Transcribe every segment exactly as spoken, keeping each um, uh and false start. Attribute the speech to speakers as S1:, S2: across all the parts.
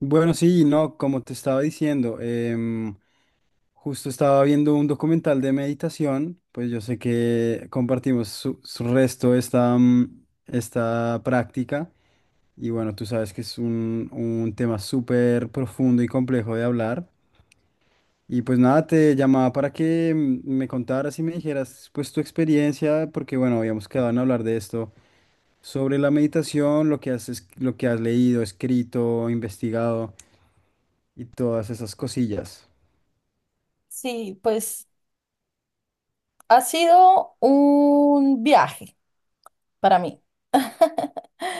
S1: Bueno, sí, no, como te estaba diciendo, em, justo estaba viendo un documental de meditación. Pues yo sé que compartimos su, su resto esta, mm, esta práctica. Y bueno, tú sabes que es un, un tema súper profundo y complejo de hablar, y pues nada, te llamaba para que mm, me contaras y me dijeras pues tu experiencia, porque bueno, habíamos quedado en hablar de esto, sobre la meditación, lo que has, es- lo que has leído, escrito, investigado y todas esas cosillas.
S2: Sí, pues ha sido un viaje para mí.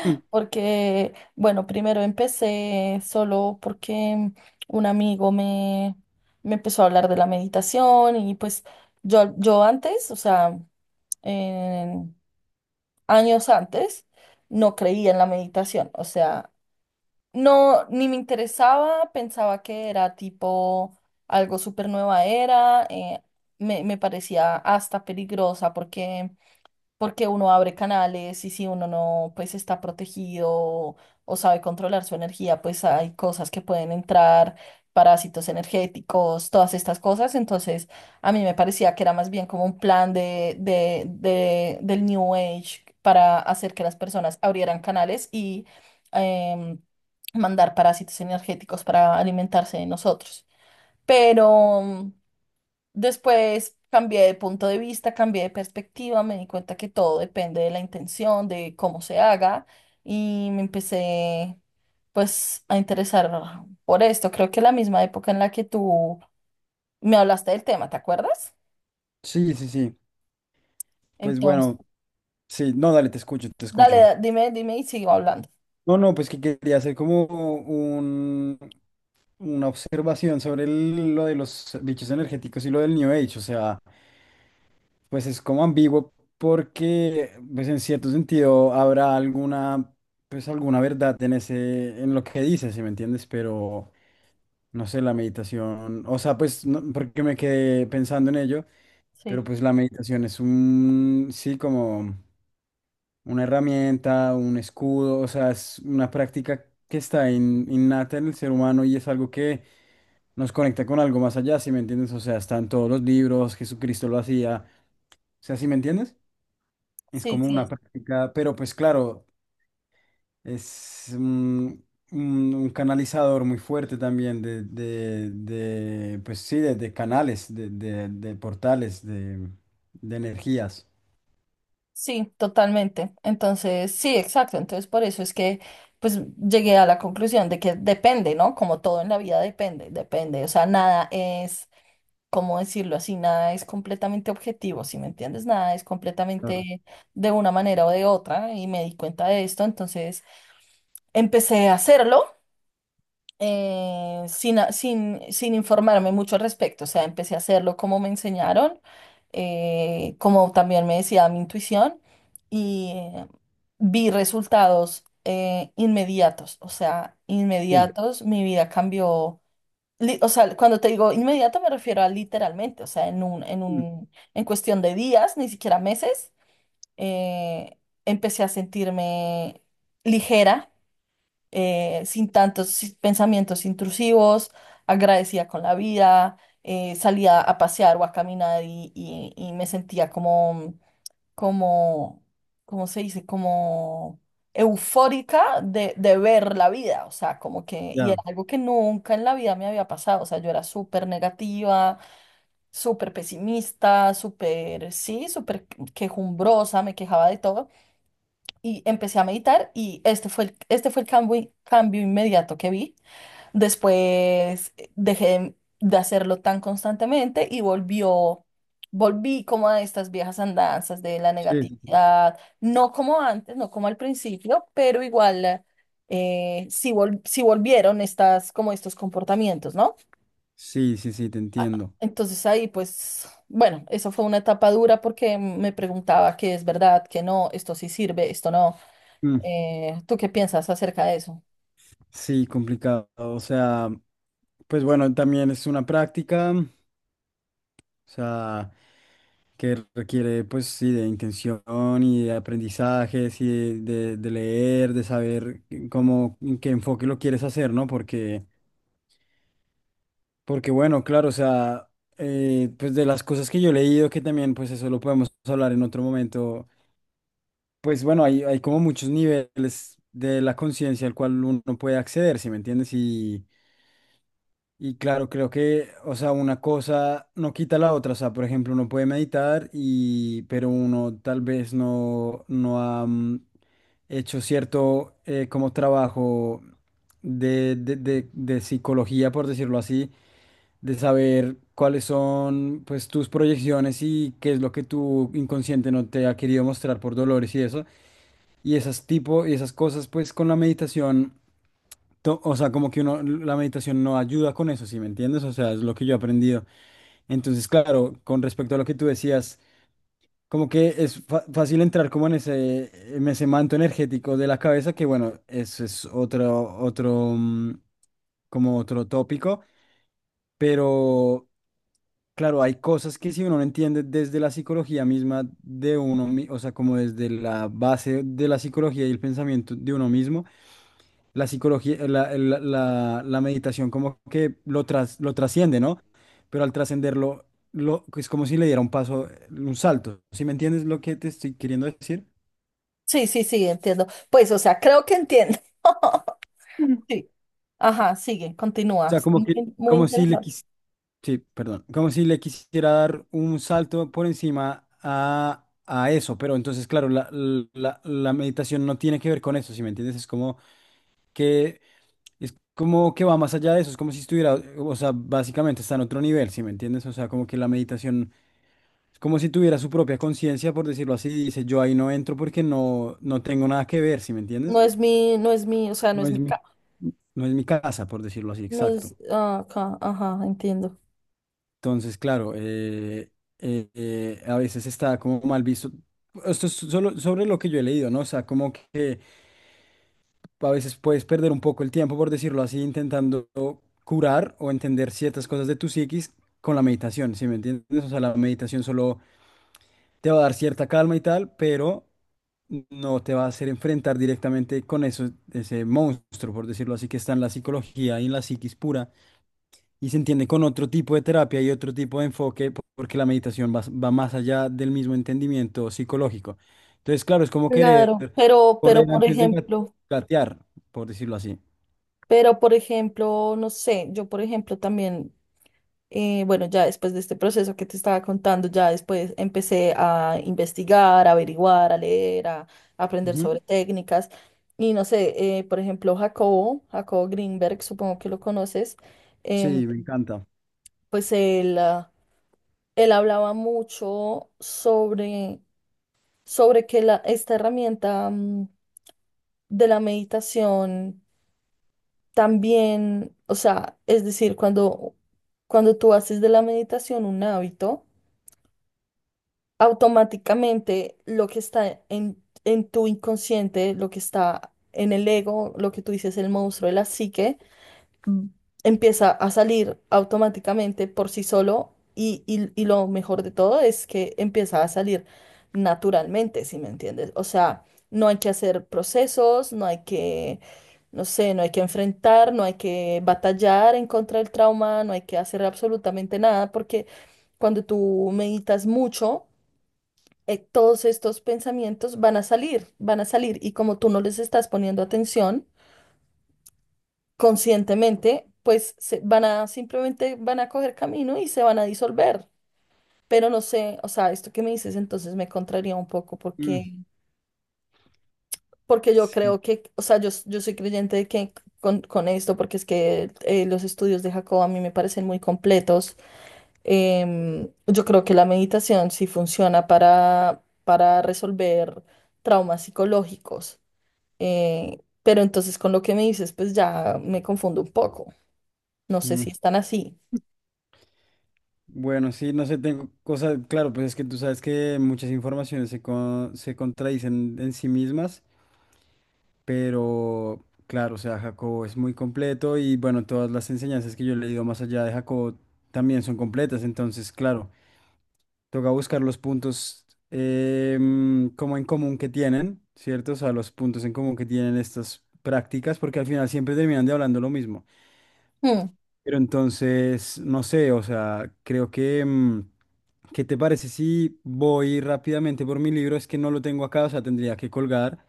S1: Mm,
S2: Porque, bueno, primero empecé solo porque un amigo me, me empezó a hablar de la meditación y pues yo, yo antes, o sea, en- años antes, no creía en la meditación. O sea, no, ni me interesaba, pensaba que era tipo algo súper nueva era, eh, me, me parecía hasta peligrosa porque porque uno abre canales y si uno no, pues está protegido o, o sabe controlar su energía, pues hay cosas que pueden entrar, parásitos energéticos, todas estas cosas. Entonces, a mí me parecía que era más bien como un plan de, de, de- del New Age para hacer que las personas abrieran canales y em, mandar parásitos energéticos para alimentarse de nosotros. Pero... después cambié de punto de vista, cambié de perspectiva, me di cuenta que todo depende de la intención, de cómo se haga y me empecé pues a interesar por esto. Creo que la misma época en la que tú me hablaste del tema, ¿te acuerdas?
S1: Sí, sí, sí. Pues
S2: Entonces,
S1: bueno, sí, no, dale, te escucho, te
S2: dale,
S1: escucho.
S2: da- dime, dime y sigo hablando.
S1: No, no, pues que quería hacer como un, una observación sobre el- lo de los bichos energéticos y lo del New Age. O sea, pues es como ambiguo porque, pues en cierto sentido, habrá alguna, pues alguna verdad en ese, en lo que dices, ¿si me entiendes? Pero no sé, la meditación, o sea, pues, no- porque me quedé pensando en ello. Pero
S2: Sí,
S1: pues la meditación es un, sí, como una herramienta, un escudo, o sea, es una práctica que está in- innata en el ser humano y es algo que nos conecta con algo más allá, ¿si me entiendes? O sea, están todos los libros, Jesucristo lo hacía, o sea, ¿si me entiendes? Es
S2: sí,
S1: como una
S2: sí,
S1: práctica, pero pues claro, es un, un- un canalizador muy fuerte también de, de, de, pues sí, de, de canales, de, de, de portales, de, de energías.
S2: sí, totalmente. Entonces, sí, exacto. Entonces, por eso es que pues llegué a la conclusión de que depende, ¿no? Como todo en la vida depende, depende. O sea, nada es... ¿cómo decirlo así? Nada es completamente objetivo, ¿si me entiendes? Nada es
S1: Claro.
S2: completamente de una manera o de otra y me di cuenta de esto, entonces empecé a hacerlo. eh, sin, a- sin, sin informarme mucho al respecto, o sea, empecé a hacerlo como me enseñaron, eh, como también me decía mi intuición, y eh, vi resultados eh, inmediatos, o sea,
S1: Sí.
S2: inmediatos, mi vida cambió. li- O sea, cuando te digo inmediata me refiero a literalmente, o sea, en un, en
S1: Mm,
S2: un, en cuestión de días, ni siquiera meses, eh, empecé a sentirme ligera, eh, sin tantos si- pensamientos intrusivos, agradecida con la vida, eh, salía a pasear o a caminar y, y- y me sentía como como, ¿cómo se dice? Como eufórica de, de ver la vida, o sea, como que, y
S1: Ya,
S2: era algo que nunca en la vida me había pasado, o sea, yo era súper negativa, súper pesimista, súper, sí, súper quejumbrosa, me quejaba de todo, y empecé a meditar y este fue el, este fue el cambio, cambio inmediato que vi. Después eh, dejé de hacerlo tan constantemente y volvió, volví como a estas viejas andanzas de la
S1: sí, sí, sí,
S2: negatividad, no como antes, no como al principio, pero igual eh, sí, vol- sí volvieron estas, como estos comportamientos, ¿no?
S1: sí, sí, sí, te
S2: Ah,
S1: entiendo.
S2: Entonces ahí pues, bueno, eso fue una etapa dura porque me preguntaba qué es verdad, qué no, esto sí sirve, esto no.
S1: Mm,
S2: Eh, ¿tú qué piensas acerca de eso?
S1: Sí, complicado. O sea, pues bueno, también es una práctica, o sea, que requiere pues sí de intención y de aprendizajes y de, de- de leer, de saber cómo, qué enfoque lo quieres hacer, ¿no? Porque, porque bueno, claro, o sea, eh, pues de las cosas que yo he leído, que también pues eso lo podemos hablar en otro momento, pues bueno, hay, hay como muchos niveles de la conciencia al cual uno puede acceder, ¿sí me entiendes? Y claro, creo que, o sea, una cosa no quita la otra. O sea, por ejemplo, uno puede meditar y, pero uno tal vez no, no ha mm, hecho cierto eh, como trabajo de, de, de, de psicología, por decirlo así, de saber cuáles son pues tus proyecciones y qué es lo que tu inconsciente no te ha querido mostrar por dolores y eso. Y esas tipo, y esas cosas, pues con la meditación to- o sea, como que uno, la meditación no ayuda con eso, ¿sí me entiendes? O sea, es lo que yo he aprendido. Entonces, claro, con respecto a lo que tú decías, como que es fa- fácil entrar como en ese, en ese manto energético de la cabeza, que bueno, eso es otro, otro, mm, como otro tópico, pero claro, hay cosas que si uno no entiende desde la psicología misma de uno, mi- o sea, como desde la base de la psicología y el pensamiento de uno mismo. La psicología, la, el- la- la meditación como que lo, tras, lo trasciende, ¿no? Pero al trascenderlo, lo, es como si le diera un paso, un salto. ¿Sí me entiendes lo que te estoy queriendo decir?
S2: Sí, sí, sí, entiendo. Pues, o sea, creo que entiendo. Sí, ajá, sigue,
S1: O
S2: continúa.
S1: sea, como que,
S2: Muy, muy
S1: como si le
S2: interesante.
S1: quis- sí, perdón, como si le quisiera dar un salto por encima a, a eso. Pero entonces, claro, la, la, la meditación no tiene que ver con eso, ¿sí me entiendes? Es como que, es como que va más allá de eso. Es como si estuviera, o sea, básicamente está en otro nivel, ¿sí me entiendes? O sea, como que la meditación, es como si tuviera su propia conciencia, por decirlo así, y dice, yo ahí no entro porque no, no tengo nada que ver, ¿sí me entiendes?
S2: No es mi, no es mi, O sea, no
S1: No
S2: es mi
S1: es mi,
S2: ca-
S1: no es mi casa, por decirlo así,
S2: no
S1: exacto.
S2: es, ah, ca- ajá, entiendo.
S1: Entonces, claro, eh, eh, eh, a veces está como mal visto. Esto es solo sobre lo que yo he leído, ¿no? O sea, como que a veces puedes perder un poco el tiempo, por decirlo así, intentando curar o entender ciertas cosas de tu psiquis con la meditación, ¿sí me entiendes? O sea, la meditación solo te va a dar cierta calma y tal, pero no te va a hacer enfrentar directamente con eso, ese monstruo, por decirlo así, que está en la psicología y en la psiquis pura, y se entiende con otro tipo de terapia y otro tipo de enfoque, po- porque la meditación va, va más allá del mismo entendimiento psicológico. Entonces, claro, es como querer
S2: Claro, pero,
S1: correr
S2: pero por
S1: antes de gat-
S2: ejemplo,
S1: gatear, por decirlo así.
S2: pero por ejemplo, no sé, yo por ejemplo también, eh, bueno, ya después de este proceso que te estaba contando, ya después empecé a investigar, a averiguar, a leer, a, a aprender sobre
S1: Ujú.
S2: técnicas. Y no sé, eh, por ejemplo, Jacobo, Jacobo Greenberg, supongo que lo conoces, em,
S1: Sí, me encanta.
S2: pues él... ah, él hablaba mucho sobre, sobre que la, esta herramienta mm, de la meditación también, o sea, es decir, cuando, cuando tú haces de la meditación un hábito, automáticamente lo que está en, en tu inconsciente, lo que está en el ego, lo que tú dices, el monstruo de la psique, empieza a salir automáticamente por sí solo y, y- y lo mejor de todo es que empieza a salir naturalmente, ¿si me entiendes? O sea, no hay que hacer procesos, no hay que, no sé, no hay que enfrentar, no hay que batallar en contra del trauma, no hay que hacer absolutamente nada porque cuando tú meditas mucho, eh, todos estos pensamientos van a salir, van a salir y como tú no les estás poniendo atención, conscientemente, pues se- van a simplemente van a coger camino y se van a disolver. Pero no sé, o sea, esto que me dices entonces me contraría un poco
S1: Mm,
S2: porque, porque yo
S1: sí.
S2: creo que, o sea, yo, s- yo soy creyente de que con, con esto, porque es que eh, los estudios de Jacob a mí me parecen muy completos. Em, yo creo que la meditación sí funciona para, para resolver traumas psicológicos. eh, pero entonces con lo que me dices, pues ya me confundo un poco. No sé
S1: Mm.
S2: si están así.
S1: Bueno, sí, no sé, tengo cosas, claro, pues es que tú sabes que muchas informaciones se, con- se contradicen en sí mismas, pero claro, o sea, Jacobo es muy completo y bueno, todas las enseñanzas que yo he leído más allá de Jacobo también son completas. Entonces, claro, toca buscar los puntos em, como en común que tienen, ¿cierto? O sea, los puntos en común que tienen estas prácticas, porque al final siempre terminan de hablando lo mismo.
S2: Hmm.
S1: Pero entonces, no sé, o sea, creo que... em, ¿qué te parece si voy rápidamente por mi libro? Es que no lo tengo acá, o sea, tendría que colgar.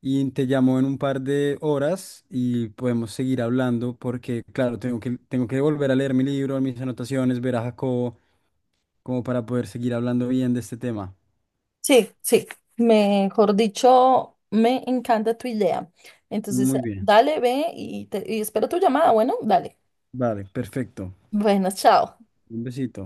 S1: Y te llamo en un par de horas y podemos seguir hablando porque, claro, tengo que, tengo que volver a leer mi libro, mis anotaciones, ver a Jacobo, como para poder seguir hablando bien de este tema.
S2: Sí, sí, mejor dicho, me encanta tu idea. Entonces,
S1: Muy bien.
S2: dale, ve y, te- y espero tu llamada. Bueno, dale.
S1: Vale, perfecto.
S2: Buenas, chao.
S1: Un besito.